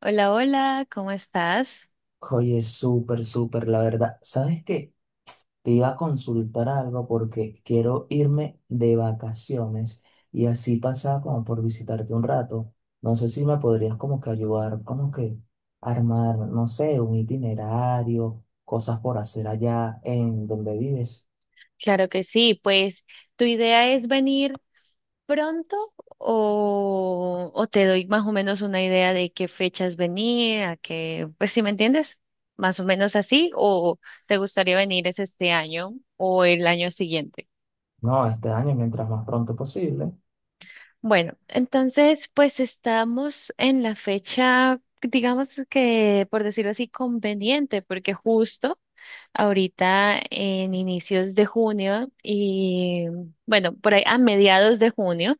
Hola, hola, ¿cómo estás? Oye, súper, súper, la verdad. ¿Sabes qué? Te iba a consultar algo porque quiero irme de vacaciones y así pasaba como por visitarte un rato. No sé si me podrías como que ayudar, como que armar, no sé, un itinerario, cosas por hacer allá en donde vives. Claro que sí, pues tu idea es venir pronto o te doy más o menos una idea de qué fechas venir, a qué, pues si me entiendes, más o menos así, o te gustaría venir es este año o el año siguiente. No, este año, mientras más pronto posible. Bueno, entonces pues estamos en la fecha, digamos que por decirlo así, conveniente, porque justo ahorita en inicios de junio y bueno, por ahí a mediados de junio,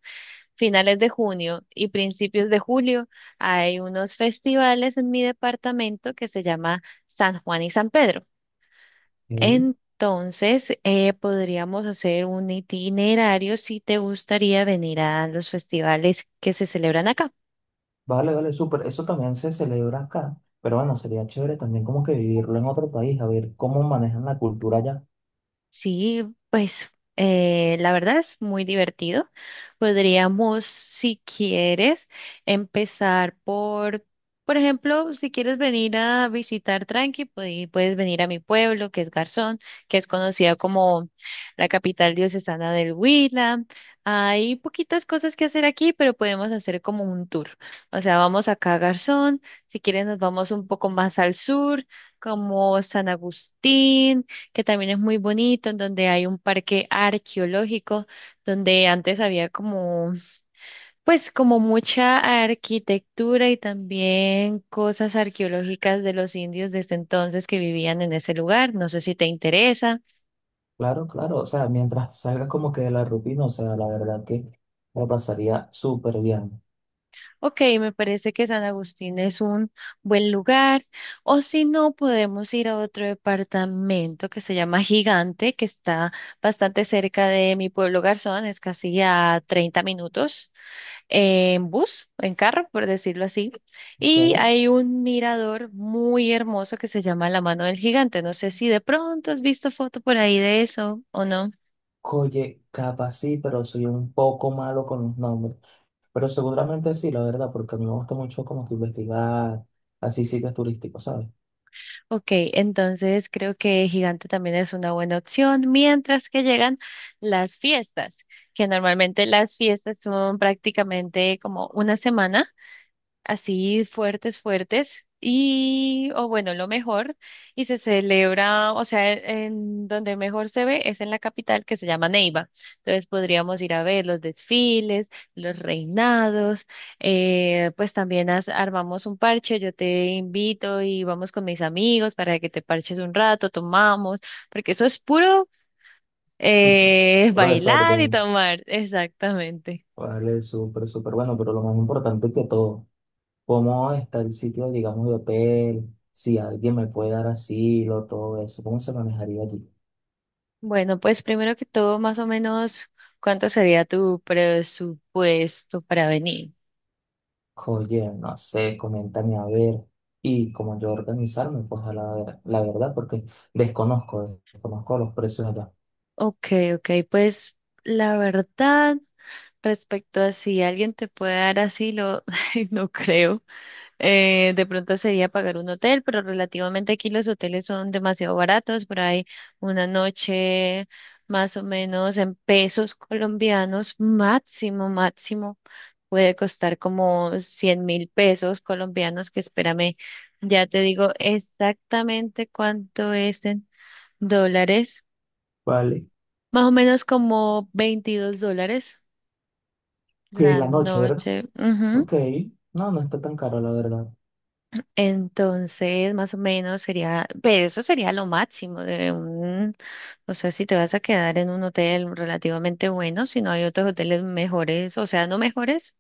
finales de junio y principios de julio hay unos festivales en mi departamento que se llama San Juan y San Pedro. Ok. Entonces, podríamos hacer. Vale, vale, súper. Eso también se celebra acá, pero bueno, sería chévere también como que vivirlo en otro país, a ver cómo manejan la cultura allá. Sí, pues la verdad es muy divertido. Podríamos, si quieres, empezar por ejemplo, si quieres venir a visitar Tranqui, pues, puedes venir a mi pueblo, que es Garzón, que es conocida como la capital diocesana del Huila. Hay poquitas cosas que hacer aquí, pero podemos hacer como un tour. O sea, vamos acá a Garzón, si quieres nos vamos un poco más al sur, como San Agustín, que también es muy bonito, en donde hay un parque arqueológico, donde antes había como, pues como mucha arquitectura y también cosas arqueológicas de los indios desde entonces que vivían en ese lugar. No sé si te interesa. Claro, claro, o sea, mientras salgas como que de la rutina, o sea, la verdad que la pasaría súper bien, Ok, me parece que San Agustín es un buen lugar. O si no, podemos ir a otro departamento que se llama Gigante, que está bastante cerca de mi pueblo Garzón, es casi a 30 minutos en bus, en carro, por decirlo así, ¿ok? y hay un mirador muy hermoso que se llama La Mano del Gigante. No sé si de pronto has visto foto por ahí de eso o no. Oye, capaz sí, pero soy un poco malo con los nombres, pero seguramente sí, la verdad, porque a mí me gusta mucho como que investigar así sitios turísticos, ¿sabes? Ok, entonces creo que Gigante también es una buena opción, mientras que llegan las fiestas, que normalmente las fiestas son prácticamente como una semana, así fuertes, fuertes, y, o bueno, lo mejor, y se celebra, o sea, en donde mejor se ve es en la capital, que se llama Neiva. Entonces podríamos ir a ver los desfiles, los reinados, pues también armamos un parche, yo te invito y vamos con mis amigos para que te parches un rato, tomamos, porque eso es puro, Profesor, bailar y orden, tomar, exactamente. vale, súper, súper bueno, pero lo más importante que todo, ¿cómo está el sitio, digamos, de hotel? Si alguien me puede dar asilo, todo eso, ¿cómo se manejaría allí? Bueno, pues primero que todo, más o menos, ¿cuánto sería tu presupuesto para venir? Oye, no sé, coméntame a ver. Y como yo organizarme, pues la verdad, porque desconozco los precios allá. Ok, ok, pues la verdad, respecto a si alguien te puede dar asilo, no creo. De pronto sería pagar un hotel, pero relativamente aquí los hoteles son demasiado baratos, por ahí una noche, más o menos en pesos colombianos, máximo, máximo, puede costar como 100.000 pesos colombianos, que espérame, ya te digo exactamente cuánto es en dólares, Vale. más o menos como $22 Que la la noche, ¿verdad? noche. Ujú. Ok. No, no está tan caro, la verdad. Entonces, más o menos sería, pero eso sería lo máximo de un, o sea, si te vas a quedar en un hotel relativamente bueno, si no hay otros hoteles mejores, o sea, no mejores,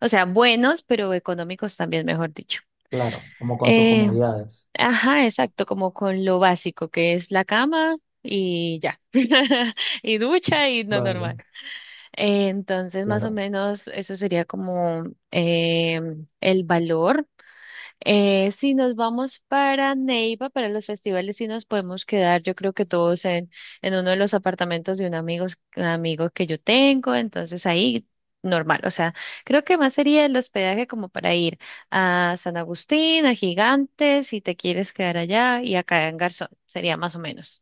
o sea, buenos, pero económicos también, mejor dicho. Claro, como con sus Eh, comodidades. ajá, exacto, como con lo básico, que es la cama y ya, y ducha y no, Vale, normal. Entonces, más o claro. menos, eso sería como eh, el valor. Si nos vamos para Neiva, para los festivales, sí nos podemos quedar, yo creo que todos en, uno de los apartamentos de un amigo que yo tengo, entonces ahí normal, o sea, creo que más sería el hospedaje como para ir a San Agustín, a Gigantes, si te quieres quedar allá, y acá en Garzón, sería más o menos.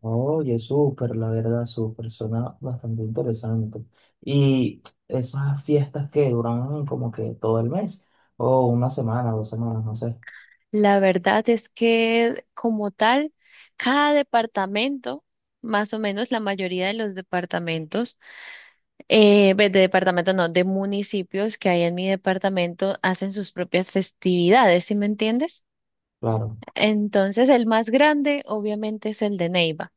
Oye, súper, la verdad, súper. Suena bastante interesante. Y esas fiestas que duran como que todo el mes, o una semana, dos semanas, no sé. La verdad es que como tal, cada departamento, más o menos la mayoría de los departamentos, ve, de departamento no, de municipios que hay en mi departamento, hacen sus propias festividades, ¿sí me entiendes? Claro. Entonces, el más grande obviamente es el de Neiva.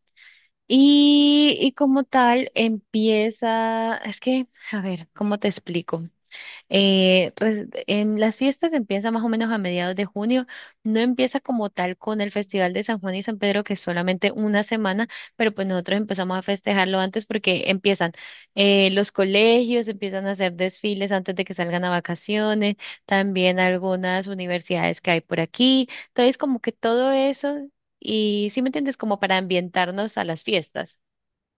Y como tal empieza, es que, a ver, ¿cómo te explico? En las fiestas empieza más o menos a mediados de junio, no empieza como tal con el Festival de San Juan y San Pedro, que es solamente una semana, pero pues nosotros empezamos a festejarlo antes porque empiezan los colegios, empiezan a hacer desfiles antes de que salgan a vacaciones, también algunas universidades que hay por aquí, entonces como que todo eso, y si me entiendes, como para ambientarnos a las fiestas.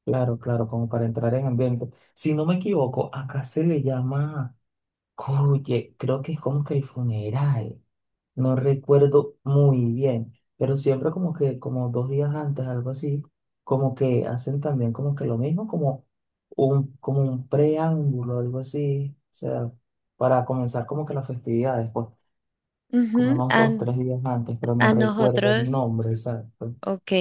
Claro, claro, como para entrar en ambiente. Si no me equivoco, acá se le llama, oye, creo que es como que el funeral, no recuerdo muy bien, pero siempre como que, como dos días antes, algo así, como que hacen también como que lo mismo, como un preámbulo, algo así, o sea, para comenzar como que las festividades, pues, como Ujú. unos A, dos, tres días antes, pero no a recuerdo el nosotros. nombre exacto. Ok,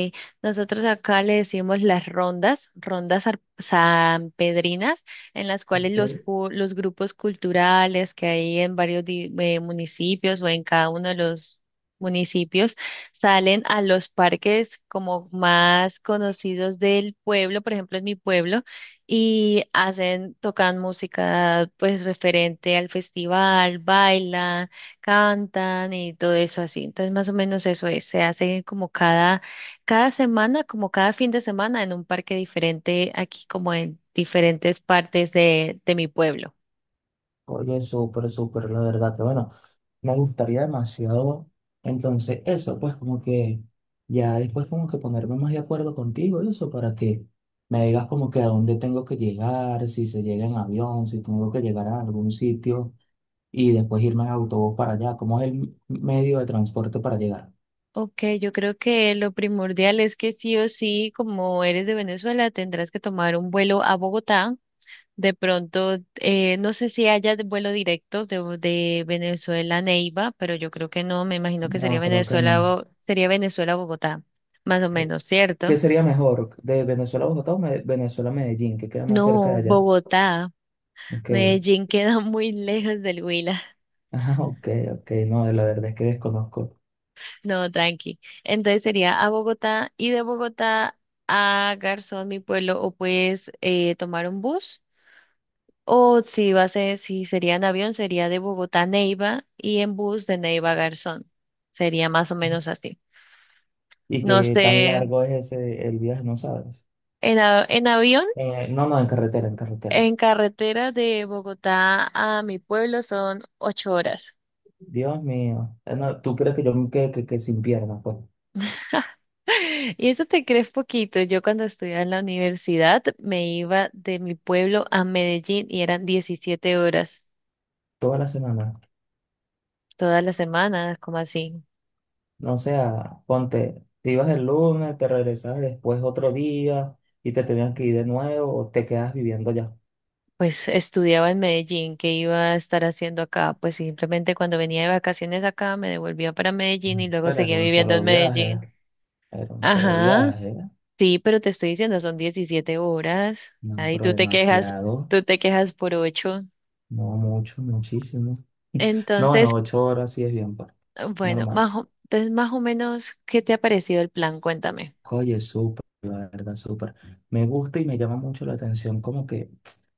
nosotros acá le decimos las rondas sanpedrinas, en las cuales los, ¿Ok? ju- los grupos culturales que hay en varios municipios, o en cada uno de los municipios, salen a los parques como más conocidos del pueblo, por ejemplo, en mi pueblo, y hacen, tocan música, pues, referente al festival, bailan, cantan y todo eso así. Entonces, más o menos eso es, se hace como cada semana, como cada fin de semana, en un parque diferente, aquí como en diferentes partes de mi pueblo. Oye, súper, súper, la verdad, que bueno. Me gustaría demasiado. Entonces, eso, pues como que ya después como que ponerme más de acuerdo contigo y eso para que me digas como que a dónde tengo que llegar, si se llega en avión, si tengo que llegar a algún sitio y después irme en autobús para allá. ¿Cómo es el medio de transporte para llegar? Ok, yo creo que lo primordial es que sí o sí, como eres de Venezuela, tendrás que tomar un vuelo a Bogotá. De pronto, no sé si haya vuelo directo de Venezuela a Neiva, pero yo creo que no, me imagino que No, creo que no. Sería Venezuela a Bogotá, más o ¿Qué, menos, ¿cierto? qué sería mejor? ¿De Venezuela a Bogotá o Me- Venezuela a Medellín? ¿Que queda más cerca de No, allá? Bogotá. Ok. Medellín queda muy lejos del Huila. Ah, ok, ok. No, la verdad es que desconozco. No, tranqui. Entonces sería a Bogotá y de Bogotá a Garzón, mi pueblo, o puedes tomar un bus. O si va a ser, si sería en avión, sería de Bogotá a Neiva y en bus de Neiva a Garzón. Sería más o menos así. ¿Y No qué sé, tan largo es ese el viaje? No sabes. en avión, No, no, en carretera, en carretera. en carretera de Bogotá a mi pueblo son 8 horas. Dios mío. No, ¿tú crees que yo me quede que sin piernas? Pues Y eso te crees poquito. Yo cuando estudiaba en la universidad me iba de mi pueblo a Medellín y eran 17 horas toda la semana. todas las semanas, como así. No sea, ponte, te ibas el lunes, te regresabas después otro día y te tenías que ir de nuevo o te quedas viviendo allá. Pues estudiaba en Medellín, ¿qué iba a estar haciendo acá? Pues simplemente cuando venía de vacaciones acá me devolvía para Medellín y Mm. luego Pero era seguía un viviendo solo en viaje, Medellín. era un solo Ajá, viaje. sí, pero te estoy diciendo, son 17 horas. No, Ahí pero demasiado. tú te quejas por ocho. No, mucho, muchísimo. No, Entonces, no, 8 horas sí es bien, pues, bueno, normal. Entonces más o menos, ¿qué te ha parecido el plan? Cuéntame. Oye, súper, la verdad, súper. Me gusta y me llama mucho la atención como que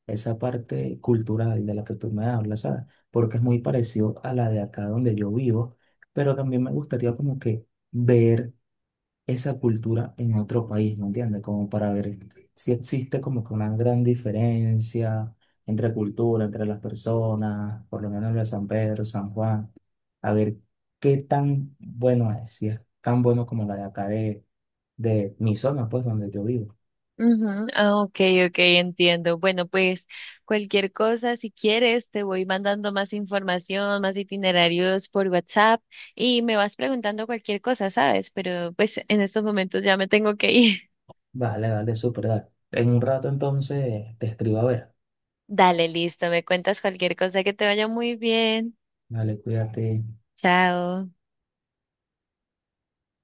esa parte cultural de la que tú me hablas, ¿sabes? Porque es muy parecido a la de acá donde yo vivo, pero también me gustaría como que ver esa cultura en otro país, ¿me entiendes? Como para ver si existe como que una gran diferencia entre cultura, entre las personas, por lo menos lo de San Pedro, San Juan, a ver qué tan bueno es, si es tan bueno como la de acá de mi zona, pues, donde yo vivo. Ujú, ah, ok, ok, entiendo. Bueno, pues cualquier cosa, si quieres, te voy mandando más información, más itinerarios por WhatsApp y me vas preguntando cualquier cosa, ¿sabes? Pero pues en estos momentos ya me tengo que ir. Vale, dale, súper, dale. En un rato entonces te escribo a ver. Dale, listo, me cuentas cualquier cosa, que te vaya muy bien. Vale, cuídate. Chao.